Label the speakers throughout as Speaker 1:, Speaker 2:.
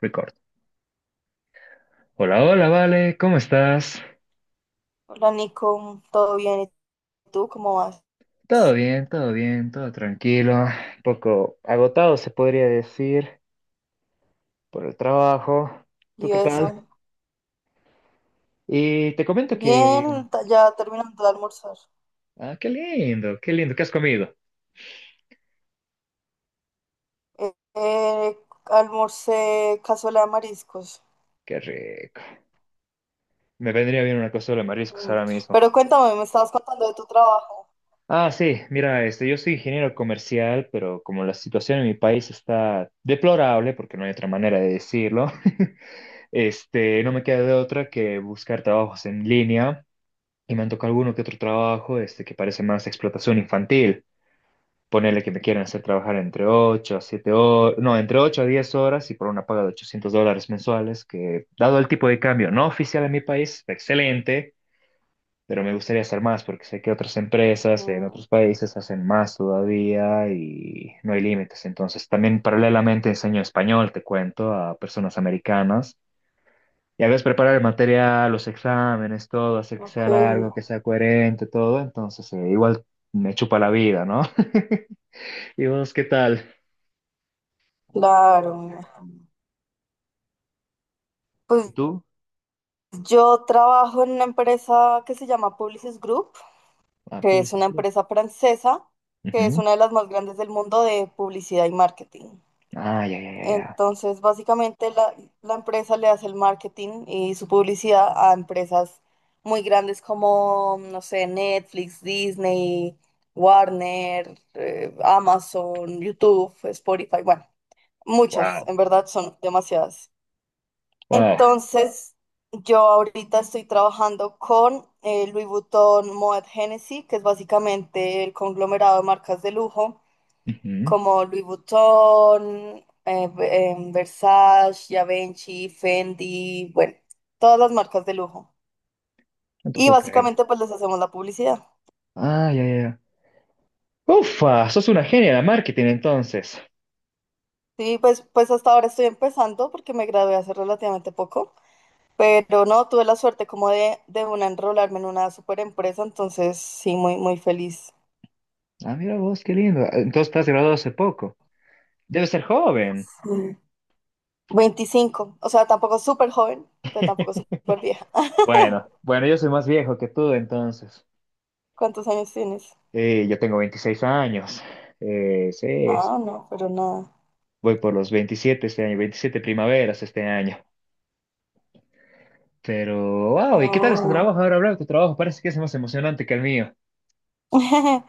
Speaker 1: Record. Hola, hola, Vale, ¿cómo estás?
Speaker 2: Hola Nico, ¿todo bien? ¿Y tú cómo vas?
Speaker 1: Todo bien, todo bien, todo tranquilo. Un poco agotado, se podría decir, por el trabajo. ¿Tú
Speaker 2: Y
Speaker 1: qué
Speaker 2: eso.
Speaker 1: tal? Y te comento que...
Speaker 2: Bien, ya terminando de almorzar.
Speaker 1: Ah, qué lindo, qué lindo, ¿qué has comido?
Speaker 2: Eh, eh, almorcé cazuela de mariscos.
Speaker 1: Qué rico. Me vendría bien una cazuela de mariscos
Speaker 2: Mm.
Speaker 1: ahora mismo.
Speaker 2: Pero cuéntame, me estabas contando de tu trabajo.
Speaker 1: Ah, sí, mira, este, yo soy ingeniero comercial, pero como la situación en mi país está deplorable, porque no hay otra manera de decirlo, este, no me queda de otra que buscar trabajos en línea. Y me han tocado alguno que otro trabajo este, que parece más explotación infantil. Ponerle que me quieren hacer trabajar entre 8 a 7 horas, no, entre 8 a 10 horas y por una paga de $800 mensuales, que dado el tipo de cambio no oficial en mi país, excelente, pero me gustaría hacer más porque sé que otras empresas en
Speaker 2: Ujú.
Speaker 1: otros países hacen más todavía y no hay límites. Entonces, también paralelamente enseño español, te cuento, a personas americanas, ya ves, preparar el material, los exámenes, todo, hacer que
Speaker 2: Ok,
Speaker 1: sea largo, que sea coherente, todo. Entonces, igual me chupa la vida, ¿no? ¿Y vos qué tal?
Speaker 2: claro.
Speaker 1: ¿Y
Speaker 2: Pues
Speaker 1: tú?
Speaker 2: yo trabajo en una empresa que se llama Publicis Group,
Speaker 1: Ah,
Speaker 2: que es
Speaker 1: Pulsis
Speaker 2: una
Speaker 1: Blue.
Speaker 2: empresa francesa, que es
Speaker 1: Ujú.
Speaker 2: una de las más grandes del mundo de publicidad y marketing.
Speaker 1: Ah, ya, ya, ya, ya.
Speaker 2: Entonces, básicamente la empresa le hace el marketing y su publicidad a empresas muy grandes como, no sé, Netflix, Disney, Warner, Amazon, YouTube, Spotify, bueno, muchas,
Speaker 1: Wow,
Speaker 2: en verdad son demasiadas.
Speaker 1: wow.
Speaker 2: Entonces, yo ahorita estoy trabajando con Louis Vuitton, Moet Hennessy, que es básicamente el conglomerado de marcas de lujo
Speaker 1: Ujú.
Speaker 2: como Louis Vuitton, Versace, Givenchy, Fendi, bueno, todas las marcas de lujo.
Speaker 1: No te
Speaker 2: Y
Speaker 1: puedo creer.
Speaker 2: básicamente pues les hacemos la publicidad.
Speaker 1: Ah, ya, ya, ya. Ufa, sos una genia de marketing entonces.
Speaker 2: Sí, pues hasta ahora estoy empezando porque me gradué hace relativamente poco, pero no, tuve la suerte como de una enrolarme en una super empresa, entonces sí, muy, muy feliz.
Speaker 1: Ah, mira vos, qué lindo. Entonces estás graduado hace poco. Debes ser joven.
Speaker 2: Mm. 25, o sea, tampoco súper joven, pero tampoco súper vieja.
Speaker 1: Bueno, bueno, yo soy más viejo que tú entonces.
Speaker 2: ¿Cuántos años tienes?
Speaker 1: Yo tengo 26 años. Sí,
Speaker 2: Ah, no, pero nada.
Speaker 1: voy por los 27 este año, 27 primaveras este año. Pero, wow, ¿y qué tal es tu
Speaker 2: Ah.
Speaker 1: trabajo ahora, Blau? Tu trabajo parece que es más emocionante que el mío.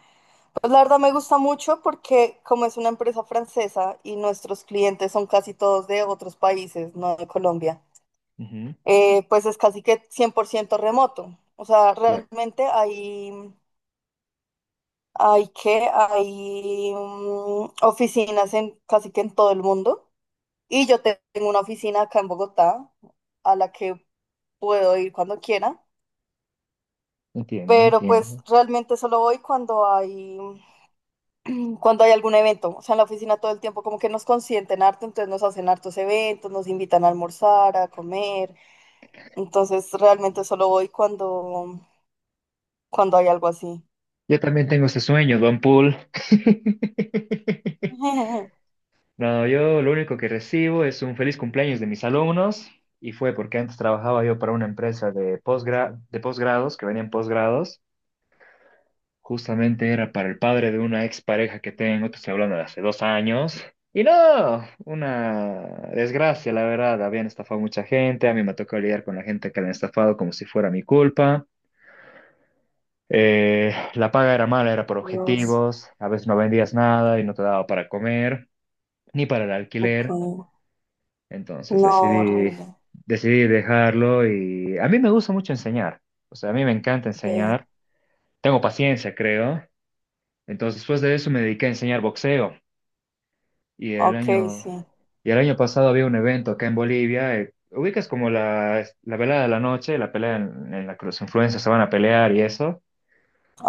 Speaker 2: Pues la verdad me gusta mucho porque como es una empresa francesa y nuestros clientes son casi todos de otros países, no de Colombia,
Speaker 1: Ujú,
Speaker 2: pues es casi que 100% remoto. O sea,
Speaker 1: claro,
Speaker 2: realmente hay oficinas en casi que en todo el mundo. Y yo tengo una oficina acá en Bogotá a la que puedo ir cuando quiera,
Speaker 1: entiendo,
Speaker 2: pero pues
Speaker 1: entiendo.
Speaker 2: realmente solo voy cuando hay algún evento, o sea, en la oficina todo el tiempo como que nos consienten harto, entonces nos hacen hartos eventos, nos invitan a almorzar, a comer, entonces realmente solo voy cuando hay algo así.
Speaker 1: Yo también tengo ese sueño, Don Pool. No, yo lo único que recibo es un feliz cumpleaños de mis alumnos y fue porque antes trabajaba yo para una empresa de posgrados, que venían posgrados. Justamente era para el padre de una expareja que tengo, te estoy hablando de hace 2 años. Y no, una desgracia, la verdad. Habían estafado mucha gente, a mí me tocó lidiar con la gente que la han estafado como si fuera mi culpa. La paga era mala, era por
Speaker 2: Dios,
Speaker 1: objetivos, a veces no vendías nada y no te daba para comer, ni para el
Speaker 2: ok.
Speaker 1: alquiler. Entonces
Speaker 2: No,
Speaker 1: decidí,
Speaker 2: horrible.
Speaker 1: decidí dejarlo y a mí me gusta mucho enseñar. O sea, a mí me encanta
Speaker 2: Okay.
Speaker 1: enseñar. Tengo paciencia, creo. Entonces, después de eso me dediqué a enseñar boxeo. Y el
Speaker 2: Ok,
Speaker 1: año,
Speaker 2: sí.
Speaker 1: y el año pasado había un evento acá en Bolivia. Ubicas como la velada de la noche, la pelea en la que los influencers se van a pelear y eso.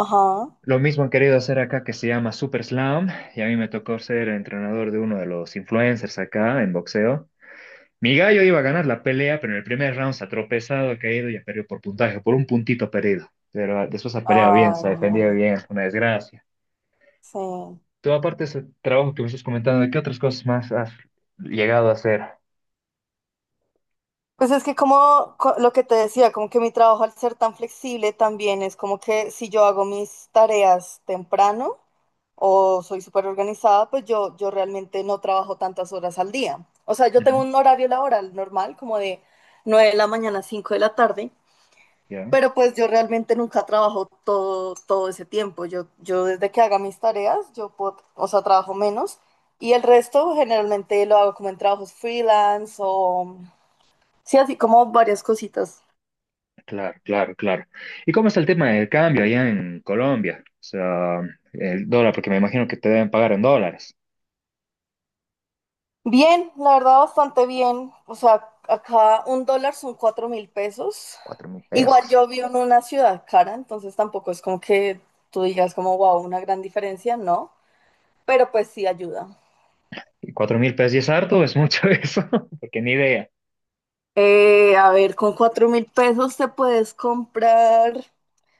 Speaker 2: Ajá.
Speaker 1: Lo mismo han querido hacer acá que se llama Super Slam. Y a mí me tocó ser entrenador de uno de los influencers acá en boxeo. Mi gallo iba a ganar la pelea, pero en el primer round se ha tropezado, ha caído y ha perdido por puntaje, por un puntito perdido. Pero ah, después ha peleado bien,
Speaker 2: Ay,
Speaker 1: se ha defendido
Speaker 2: no.
Speaker 1: bien, una desgracia.
Speaker 2: Sí.
Speaker 1: Tú, aparte de ese trabajo que me estás comentando, ¿qué otras cosas más has llegado a hacer?
Speaker 2: Pues es que como lo que te decía, como que mi trabajo al ser tan flexible también es como que si yo hago mis tareas temprano, o soy súper organizada, pues yo realmente no trabajo tantas horas al día. O sea, yo tengo
Speaker 1: Ujú.
Speaker 2: un horario laboral normal, como de 9 de la mañana a 5 de la tarde,
Speaker 1: Ya,
Speaker 2: pero pues yo realmente nunca trabajo todo ese tiempo. Yo desde que haga mis tareas, yo puedo, o sea, trabajo menos y el resto generalmente lo hago como en trabajos freelance o sí, así como varias cositas.
Speaker 1: claro, claro, claro. ¿Y cómo está el tema del cambio allá en Colombia? O sea, el dólar, porque me imagino que te deben pagar en dólares.
Speaker 2: Bien, la verdad bastante bien. O sea, acá un dólar son 4.000 pesos.
Speaker 1: Cuatro mil
Speaker 2: Igual
Speaker 1: pesos.
Speaker 2: yo vivo en una ciudad cara, entonces tampoco es como que tú digas como, wow, una gran diferencia, no, pero pues sí ayuda.
Speaker 1: ¿Y cuatro mil pesos y es harto? ¿Es mucho eso? Porque ni idea.
Speaker 2: A ver, con 4.000 pesos te puedes comprar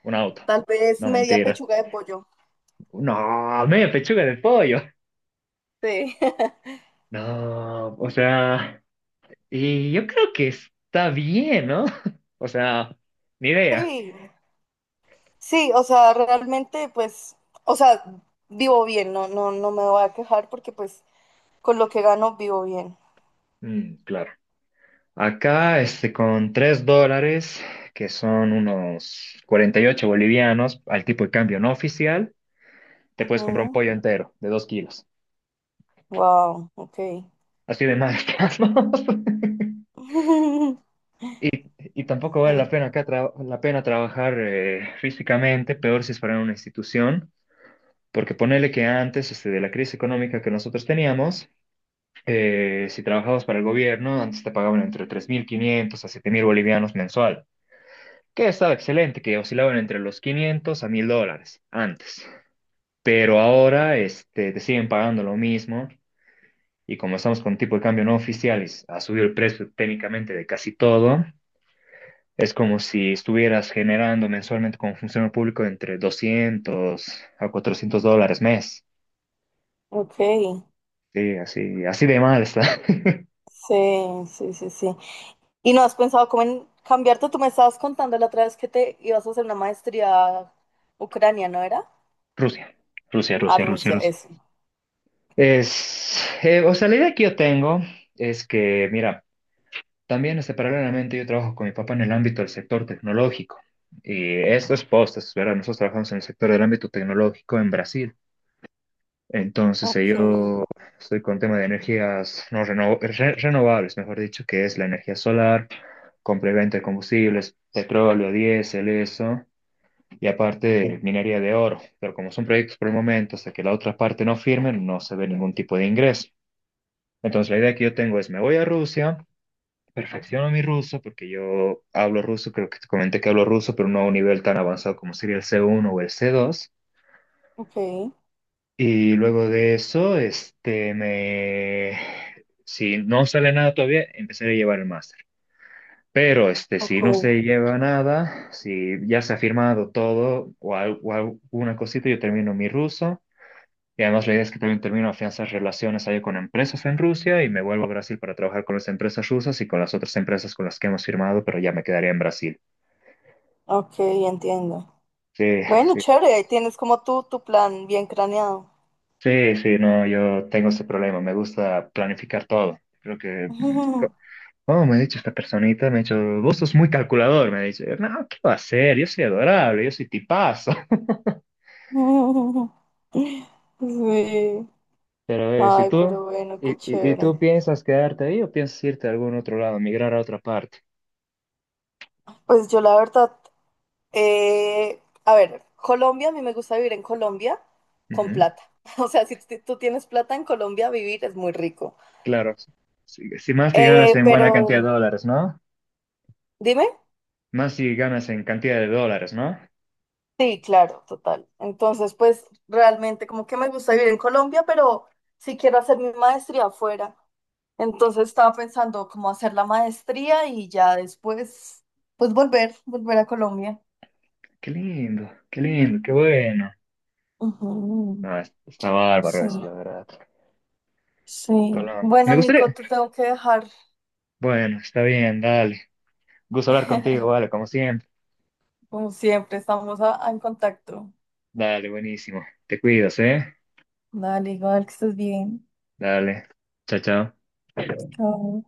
Speaker 1: Un auto.
Speaker 2: tal vez
Speaker 1: No,
Speaker 2: media
Speaker 1: mentira.
Speaker 2: pechuga de pollo.
Speaker 1: No, media pechuga de pollo.
Speaker 2: Sí.
Speaker 1: No, o sea, y yo creo que está bien, ¿no? O sea, ni idea.
Speaker 2: Sí, sí, o sea, realmente, pues, o sea, vivo bien, no, no, no me voy a quejar porque pues con lo que gano vivo bien.
Speaker 1: Mm, claro. Acá, este, con $3, que son unos 48 bolivianos, al tipo de cambio no oficial, te puedes comprar un
Speaker 2: Ujú.
Speaker 1: pollo entero de 2 kilos.
Speaker 2: Wow, ok.
Speaker 1: Así de mal estamos. Y, y tampoco vale la
Speaker 2: Oh,
Speaker 1: pena acá la pena trabajar físicamente, peor si es para una institución, porque ponele que antes este, de la crisis económica que nosotros teníamos, si trabajabas para el gobierno, antes te pagaban entre 3.500 a 7.000 bolivianos mensual, que estaba excelente, que oscilaban entre los 500 a 1.000 dólares antes. Pero ahora este, te siguen pagando lo mismo y como estamos con tipo de cambio no oficial y ha subido el precio técnicamente de casi todo, es como si estuvieras generando mensualmente como funcionario público entre 200 a $400 mes.
Speaker 2: ok,
Speaker 1: Sí, así, así de mal está.
Speaker 2: sí, sí, sí, sí. ¿Y no has pensado cómo en cambiarte? Tú me estabas contando la otra vez que te ibas a hacer una maestría a Ucrania, ¿no era?
Speaker 1: Rusia, Rusia,
Speaker 2: A
Speaker 1: Rusia, Rusia,
Speaker 2: Rusia,
Speaker 1: Rusia.
Speaker 2: eso.
Speaker 1: Es, o sea, la idea que yo tengo es que, mira, también, este, paralelamente, yo trabajo con mi papá en el ámbito del sector tecnológico. Y estos postes, ¿verdad? Nosotros trabajamos en el sector del ámbito tecnológico en Brasil. Entonces,
Speaker 2: Ok,
Speaker 1: yo estoy con tema de energías no renovables, mejor dicho, que es la energía solar, compra y de combustibles, petróleo, diésel, eso, y aparte minería de oro. Pero como son proyectos por el momento, hasta que la otra parte no firme, no se ve ningún tipo de ingreso. Entonces, la idea que yo tengo es, me voy a Rusia, perfecciono mi ruso porque yo hablo ruso, creo que te comenté que hablo ruso, pero no a un nivel tan avanzado como sería el C1 o el C2.
Speaker 2: ok,
Speaker 1: Y luego de eso, este, me... Si no sale nada todavía, empezaré a llevar el máster. Pero, este, si
Speaker 2: ok,
Speaker 1: no se lleva nada, si ya se ha firmado todo o alguna cosita, yo termino mi ruso. Y además la idea es que también termino afianzar relaciones ahí con empresas en Rusia y me vuelvo a Brasil para trabajar con las empresas rusas y con las otras empresas con las que hemos firmado, pero ya me quedaría en Brasil.
Speaker 2: ok, entiendo.
Speaker 1: Sí,
Speaker 2: Bueno,
Speaker 1: sí,
Speaker 2: chévere, ahí tienes como tú tu plan bien craneado.
Speaker 1: sí, sí, no, yo tengo ese problema, me gusta planificar todo. Creo que, ¿cómo me ha dicho esta personita? Me ha dicho, vos sos muy calculador, me ha dicho. No, ¿qué va a ser? Yo soy adorable, yo soy tipazo.
Speaker 2: Sí.
Speaker 1: Pero si
Speaker 2: Ay,
Speaker 1: tú,
Speaker 2: pero bueno, qué
Speaker 1: y
Speaker 2: chévere.
Speaker 1: tú piensas quedarte ahí o piensas irte a algún otro lado, ¿migrar a otra parte?
Speaker 2: Pues yo la verdad. Eh, a ver, Colombia, a mí me gusta vivir en Colombia con
Speaker 1: Ujú,
Speaker 2: plata. O sea, si tú tienes plata en Colombia, vivir es muy rico.
Speaker 1: claro, si más si ganas en buena
Speaker 2: Pero,
Speaker 1: cantidad de dólares, ¿no?
Speaker 2: dime.
Speaker 1: Más si ganas en cantidad de dólares, ¿no?
Speaker 2: Sí, claro, total. Entonces, pues realmente como que me gusta vivir en Colombia, pero sí quiero hacer mi maestría afuera. Entonces estaba pensando cómo hacer la maestría y ya después, pues volver a Colombia.
Speaker 1: Qué lindo, qué lindo, qué bueno.
Speaker 2: Ujú.
Speaker 1: No, está bárbaro
Speaker 2: Sí,
Speaker 1: eso, la verdad.
Speaker 2: sí.
Speaker 1: Colombia. Me
Speaker 2: Bueno, Nico,
Speaker 1: gustaría.
Speaker 2: te tengo que dejar.
Speaker 1: Bueno, está bien, dale. Gusto hablar contigo, vale, como siempre.
Speaker 2: Como siempre, estamos en contacto.
Speaker 1: Dale, buenísimo. Te cuidas, ¿eh?
Speaker 2: Dale, igual que estés bien.
Speaker 1: Dale. Chao, chao.
Speaker 2: Chao.